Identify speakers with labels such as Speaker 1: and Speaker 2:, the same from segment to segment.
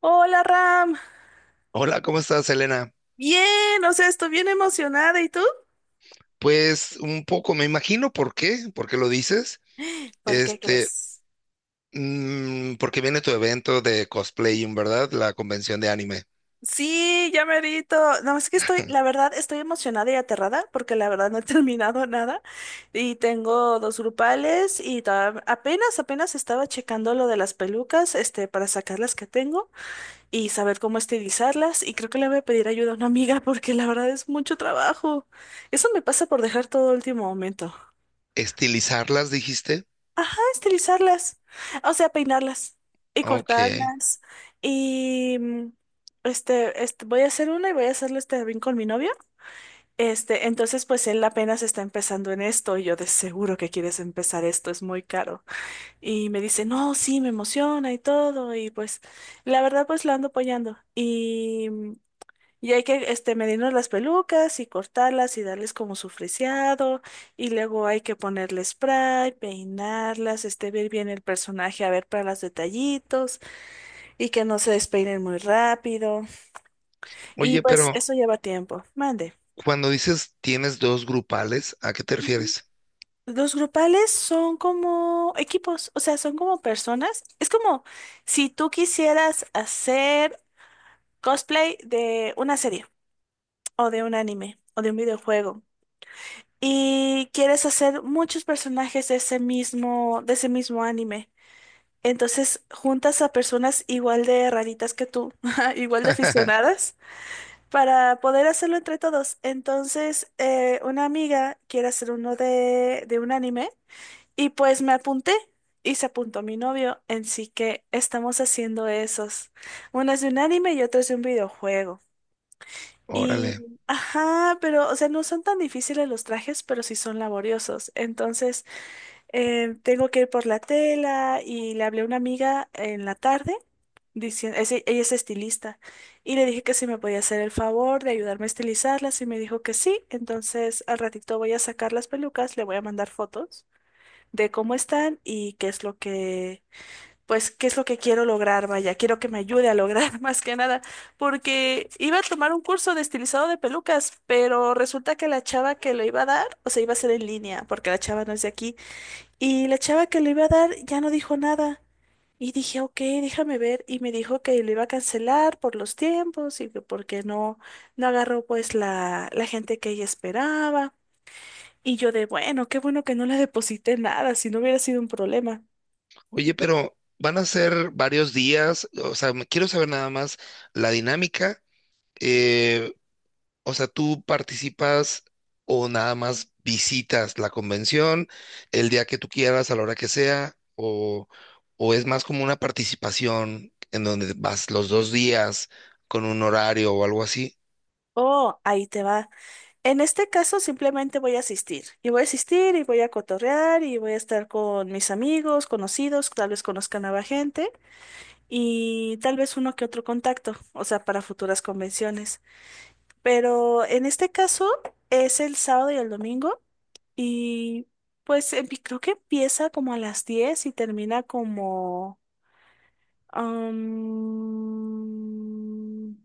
Speaker 1: Hola, Ram.
Speaker 2: Hola, ¿cómo estás, Elena?
Speaker 1: Bien, o sea, estoy bien emocionada. ¿Y tú?
Speaker 2: Pues un poco, me imagino por qué lo dices.
Speaker 1: ¿Por qué
Speaker 2: Este,
Speaker 1: crees?
Speaker 2: Porque viene tu evento de cosplaying, ¿verdad? La convención de anime.
Speaker 1: Sí, ya merito. No, es que estoy, la verdad, estoy emocionada y aterrada porque la verdad no he terminado nada y tengo dos grupales y apenas estaba checando lo de las pelucas, para sacar las que tengo y saber cómo estilizarlas y creo que le voy a pedir ayuda a una amiga porque la verdad es mucho trabajo. Eso me pasa por dejar todo a último momento.
Speaker 2: ¿Estilizarlas, dijiste?
Speaker 1: Estilizarlas, o sea, peinarlas y
Speaker 2: Ok.
Speaker 1: cortarlas. Y mm, voy a hacer una y voy a hacerlo también con mi novio. Entonces, pues él apenas está empezando en esto y yo de seguro que quieres empezar esto, es muy caro. Y me dice, no, sí, me emociona y todo. Y pues la verdad, pues lo ando apoyando. Y hay que medirnos las pelucas y cortarlas y darles como su friseado. Y luego hay que ponerle spray, peinarlas, ver bien el personaje, a ver para los detallitos y que no se despeinen muy rápido. Y
Speaker 2: Oye,
Speaker 1: pues
Speaker 2: pero
Speaker 1: eso lleva tiempo. Mande.
Speaker 2: cuando dices tienes dos grupales, ¿a qué te refieres?
Speaker 1: Los grupales son como equipos, o sea, son como personas. Es como si tú quisieras hacer cosplay de una serie o de un anime o de un videojuego. Y quieres hacer muchos personajes de ese mismo anime. Entonces juntas a personas igual de raritas que tú, igual de aficionadas, para poder hacerlo entre todos. Entonces, una amiga quiere hacer uno de un anime y pues me apunté y se apuntó mi novio, así que estamos haciendo esos. Uno es de un anime y otro es de un videojuego.
Speaker 2: Órale.
Speaker 1: Y, ajá, pero, o sea, no son tan difíciles los trajes, pero sí son laboriosos. Entonces, tengo que ir por la tela y le hablé a una amiga en la tarde, diciendo, ella es estilista, y le dije que si me podía hacer el favor de ayudarme a estilizarlas, y me dijo que sí. Entonces, al ratito voy a sacar las pelucas, le voy a mandar fotos de cómo están y ¿qué es lo que quiero lograr? Vaya, quiero que me ayude a lograr más que nada, porque iba a tomar un curso de estilizado de pelucas, pero resulta que la chava que lo iba a dar, o sea, iba a ser en línea, porque la chava no es de aquí, y la chava que lo iba a dar ya no dijo nada. Y dije, ok, déjame ver, y me dijo que lo iba a cancelar por los tiempos y que porque no agarró pues la gente que ella esperaba. Y yo de, bueno, qué bueno que no le deposité nada, si no hubiera sido un problema.
Speaker 2: Oye, pero van a ser varios días, o sea, quiero saber nada más la dinámica. eh, O sea, ¿tú participas o nada más visitas la convención el día que tú quieras, a la hora que sea? O es más como una participación en donde vas los dos días con un horario o algo así?
Speaker 1: Oh, ahí te va. En este caso simplemente voy a asistir y voy a cotorrear y voy a estar con mis amigos, conocidos, tal vez conozca nueva gente y tal vez uno que otro contacto, o sea, para futuras convenciones. Pero en este caso es el sábado y el domingo y pues creo que empieza como a las 10 y termina como... am,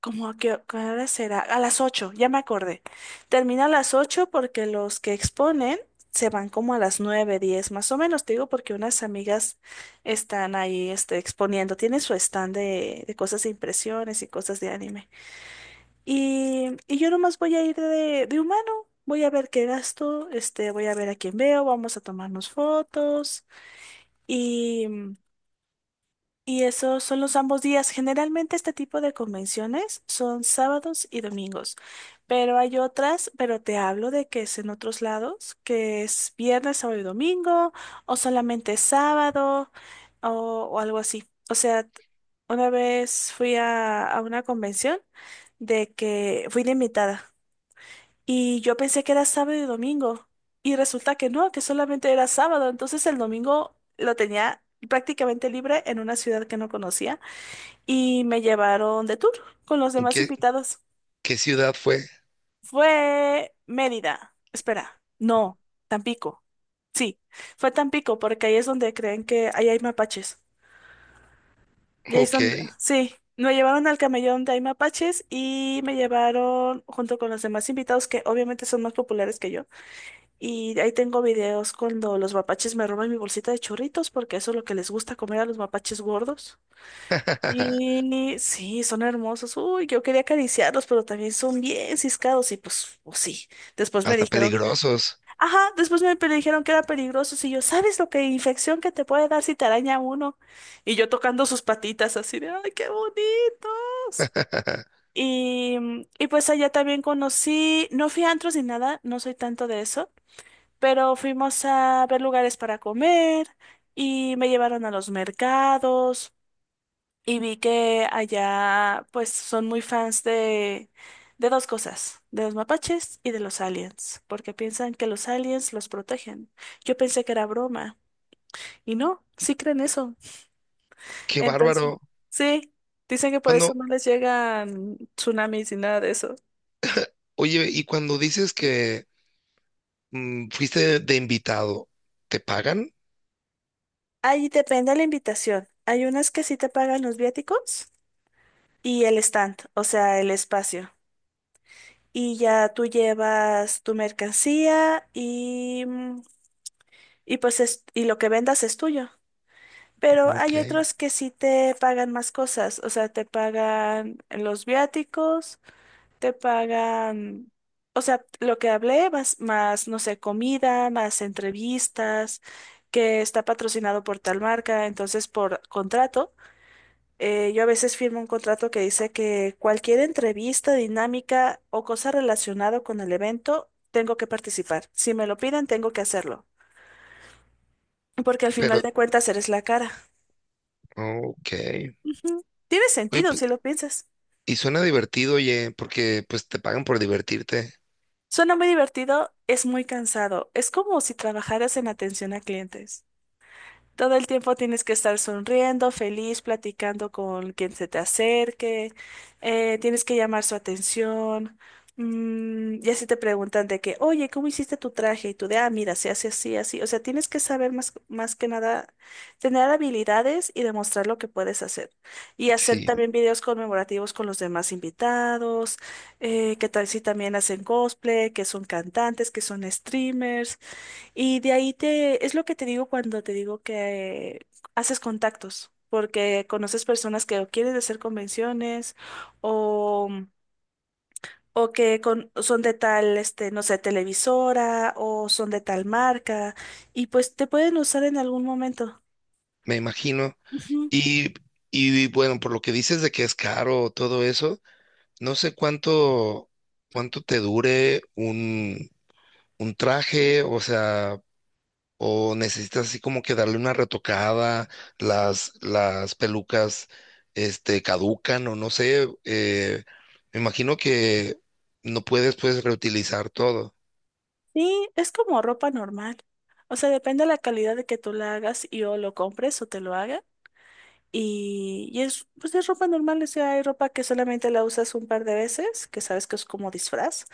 Speaker 1: ¿cómo a qué hora será? A las 8 ya me acordé. Termina a las 8 porque los que exponen se van como a las 9 10 más o menos, te digo, porque unas amigas están ahí exponiendo. Tienen su stand de cosas de impresiones y cosas de anime. Y yo nomás voy a ir de humano. Voy a ver qué gasto, voy a ver a quién veo, vamos a tomarnos fotos y esos son los ambos días. Generalmente este tipo de convenciones son sábados y domingos, pero hay otras, pero te hablo de que es en otros lados, que es viernes, sábado y domingo, o solamente sábado, o, o algo así. O sea, una vez fui a una convención de que fui de invitada. Y yo pensé que era sábado y domingo. Y resulta que no, que solamente era sábado. Entonces el domingo lo tenía prácticamente libre en una ciudad que no conocía. Y me llevaron de tour con los
Speaker 2: ¿En
Speaker 1: demás
Speaker 2: ¿Qué,
Speaker 1: invitados.
Speaker 2: qué ciudad fue?
Speaker 1: Fue Mérida. Espera, no, Tampico. Sí, fue Tampico porque ahí es donde creen que ahí hay mapaches. Y ahí es
Speaker 2: Ok.
Speaker 1: donde, sí, me llevaron al camellón de hay mapaches y me llevaron junto con los demás invitados que obviamente son más populares que yo. Y ahí tengo videos cuando los mapaches me roban mi bolsita de churritos, porque eso es lo que les gusta comer a los mapaches gordos. Y sí, son hermosos. Uy, yo quería acariciarlos, pero también son bien ciscados y pues, pues sí. Después me
Speaker 2: Hasta
Speaker 1: dijeron que...
Speaker 2: peligrosos.
Speaker 1: Ajá, después dijeron que era peligroso. Y yo, ¿sabes lo que infección que te puede dar si te araña uno? Y yo tocando sus patitas así de, ¡ay, qué bonitos! Y, y pues allá también conocí, no fui a antros ni nada, no soy tanto de eso. Pero fuimos a ver lugares para comer y me llevaron a los mercados y vi que allá pues son muy fans de dos cosas, de los mapaches y de los aliens, porque piensan que los aliens los protegen. Yo pensé que era broma y no, sí creen eso.
Speaker 2: Qué
Speaker 1: Entonces,
Speaker 2: bárbaro.
Speaker 1: sí, dicen que por eso
Speaker 2: Cuando,
Speaker 1: no les llegan tsunamis ni nada de eso.
Speaker 2: oye, y cuando dices que fuiste de invitado, ¿te pagan?
Speaker 1: Ahí depende de la invitación. Hay unas que sí te pagan los viáticos y el stand, o sea, el espacio. Y ya tú llevas tu mercancía y, y pues y lo que vendas es tuyo. Pero
Speaker 2: Ok.
Speaker 1: hay otros que sí te pagan más cosas, o sea, te pagan los viáticos, te pagan, o sea, lo que hablé, más, no sé, comida, más entrevistas, que está patrocinado por tal marca, entonces por contrato. Yo a veces firmo un contrato que dice que cualquier entrevista, dinámica o cosa relacionada con el evento, tengo que participar. Si me lo piden, tengo que hacerlo. Porque al
Speaker 2: Pero,
Speaker 1: final de cuentas eres la cara.
Speaker 2: ok. Oye,
Speaker 1: Ujú. Tiene sentido
Speaker 2: pues,
Speaker 1: si lo piensas.
Speaker 2: y suena divertido, oye, porque pues te pagan por divertirte.
Speaker 1: Suena muy divertido, es muy cansado. Es como si trabajaras en atención a clientes. Todo el tiempo tienes que estar sonriendo, feliz, platicando con quien se te acerque, tienes que llamar su atención. Y así te preguntan de que, oye, ¿cómo hiciste tu traje? Y tú de, ah, mira, se hace así, así. O sea, tienes que saber más, más que nada, tener habilidades y demostrar lo que puedes hacer. Y hacer
Speaker 2: Sí,
Speaker 1: también videos conmemorativos con los demás invitados, que tal si también hacen cosplay, que son cantantes, que son streamers. Y de ahí te, es lo que te digo cuando te digo que haces contactos, porque conoces personas que o quieren hacer convenciones o, son de tal, no sé, televisora o son de tal marca y pues te pueden usar en algún momento.
Speaker 2: me imagino.
Speaker 1: Ujú.
Speaker 2: Y, y bueno, por lo que dices de que es caro todo eso, no sé cuánto, cuánto te dure un traje, o sea, o necesitas así como que darle una retocada, las pelucas, este, caducan o no sé, me imagino que no puedes pues reutilizar todo.
Speaker 1: Sí, es como ropa normal. O sea, depende de la calidad de que tú la hagas y o lo compres o te lo hagas. Y es ropa normal, o sea, hay ropa que solamente la usas un par de veces, que sabes que es como disfraz.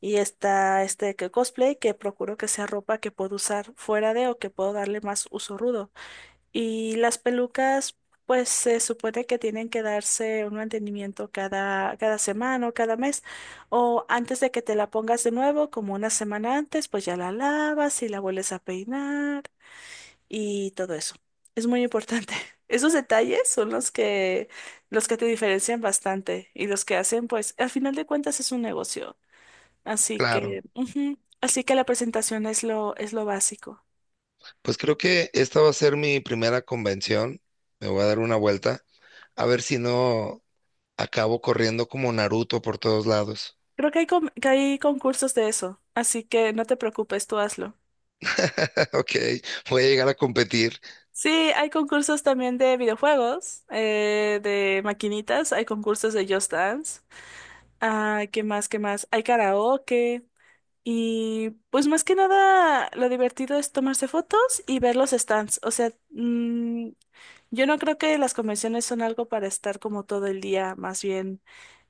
Speaker 1: Y está este que cosplay, que procuro que sea ropa que puedo usar fuera de o que puedo darle más uso rudo. Y las pelucas, pues se supone que tienen que darse un mantenimiento cada semana o cada mes. O antes de que te la pongas de nuevo, como una semana antes, pues ya la lavas y la vuelves a peinar y todo eso. Es muy importante. Esos detalles son los que te diferencian bastante y los que hacen, pues, al final de cuentas es un negocio. Así
Speaker 2: Claro.
Speaker 1: que, ujú, así que la presentación es lo básico.
Speaker 2: Pues creo que esta va a ser mi primera convención. Me voy a dar una vuelta. A ver si no acabo corriendo como Naruto por todos lados.
Speaker 1: Creo que que hay concursos de eso, así que no te preocupes, tú hazlo.
Speaker 2: Ok, voy a llegar a competir.
Speaker 1: Sí, hay concursos también de videojuegos, de maquinitas, hay concursos de Just Dance. Ah, ¿qué más? ¿Qué más? Hay karaoke. Y pues más que nada lo divertido es tomarse fotos y ver los stands. O sea, yo no creo que las convenciones son algo para estar como todo el día, más bien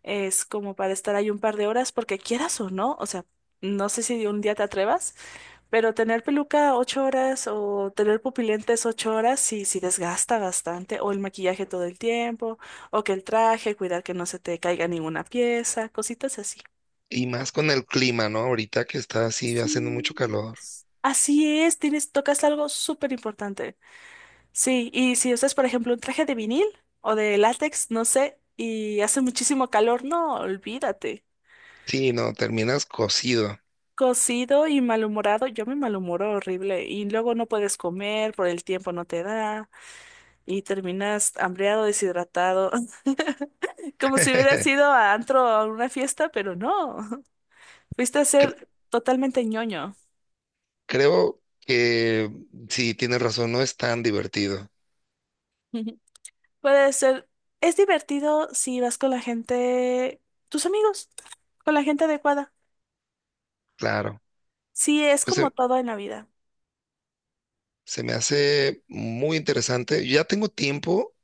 Speaker 1: es como para estar ahí un par de horas porque quieras o no. O sea, no sé si un día te atrevas, pero tener peluca 8 horas o tener pupilentes 8 horas sí, sí desgasta bastante. O el maquillaje todo el tiempo, o que el traje, cuidar que no se te caiga ninguna pieza, cositas así.
Speaker 2: Y más con el clima, ¿no? Ahorita que está así
Speaker 1: Sí.
Speaker 2: haciendo mucho calor.
Speaker 1: Así es, tienes, tocas algo súper importante. Sí, y si usas, por ejemplo, un traje de vinil o de látex, no sé, y hace muchísimo calor, no, olvídate.
Speaker 2: Sí, no, terminas cocido.
Speaker 1: Cocido y malhumorado, yo me malhumoro horrible y luego no puedes comer, por el tiempo no te da y terminas hambriado, deshidratado, como si hubieras ido a antro o a una fiesta, pero no, fuiste a
Speaker 2: Cre-
Speaker 1: ser totalmente ñoño.
Speaker 2: Creo que sí, tienes razón, no es tan divertido.
Speaker 1: Puede ser. Es divertido si vas con la gente, tus amigos, con la gente adecuada.
Speaker 2: Claro.
Speaker 1: Sí, es
Speaker 2: Pues
Speaker 1: como
Speaker 2: se,
Speaker 1: todo en la vida.
Speaker 2: se me hace muy interesante. Ya tengo tiempo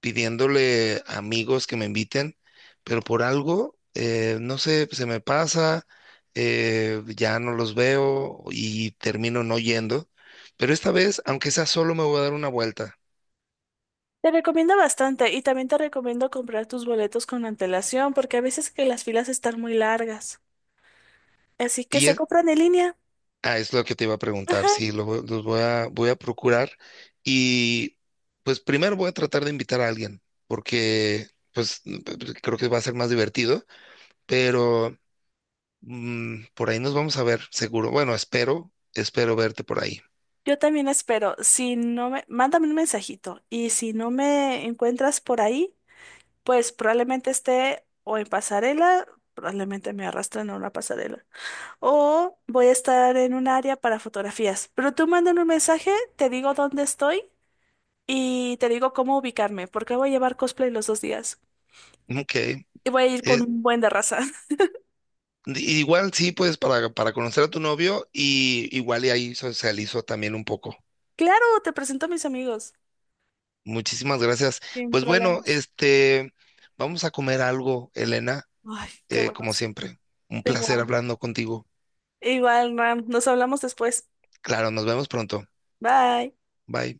Speaker 2: pidiéndole a amigos que me inviten, pero por algo, no sé, se me pasa, ya no los veo y termino no yendo. Pero esta vez, aunque sea solo, me voy a dar una vuelta.
Speaker 1: Te recomiendo bastante y también te recomiendo comprar tus boletos con antelación porque a veces que las filas están muy largas. Así que
Speaker 2: Y
Speaker 1: se
Speaker 2: es,
Speaker 1: compran en línea.
Speaker 2: ah, es lo que te iba a
Speaker 1: Ajá.
Speaker 2: preguntar, sí, los voy a, voy a procurar. Y pues primero voy a tratar de invitar a alguien, porque pues creo que va a ser más divertido, pero por ahí nos vamos a ver, seguro. Bueno, espero, espero verte por ahí.
Speaker 1: Yo también espero. Si no me, mándame un mensajito y si no me encuentras por ahí, pues probablemente esté o en pasarela, probablemente me arrastren a una pasarela. O voy a estar en un área para fotografías. Pero tú mándame un mensaje, te digo dónde estoy y te digo cómo ubicarme, porque voy a llevar cosplay los 2 días.
Speaker 2: Ok.
Speaker 1: Y voy a ir con
Speaker 2: Eh,
Speaker 1: un buen de raza.
Speaker 2: igual sí, pues para conocer a tu novio y igual y ahí socializo también un poco.
Speaker 1: Claro, te presento a mis amigos.
Speaker 2: Muchísimas gracias.
Speaker 1: Sin
Speaker 2: Pues bueno,
Speaker 1: problemas.
Speaker 2: este, vamos a comer algo, Elena,
Speaker 1: Ay, qué bueno,
Speaker 2: como
Speaker 1: sí.
Speaker 2: siempre. Un
Speaker 1: Tengo
Speaker 2: placer
Speaker 1: hambre.
Speaker 2: hablando contigo.
Speaker 1: Igual, Ram, nos hablamos después.
Speaker 2: Claro, nos vemos pronto.
Speaker 1: Bye.
Speaker 2: Bye.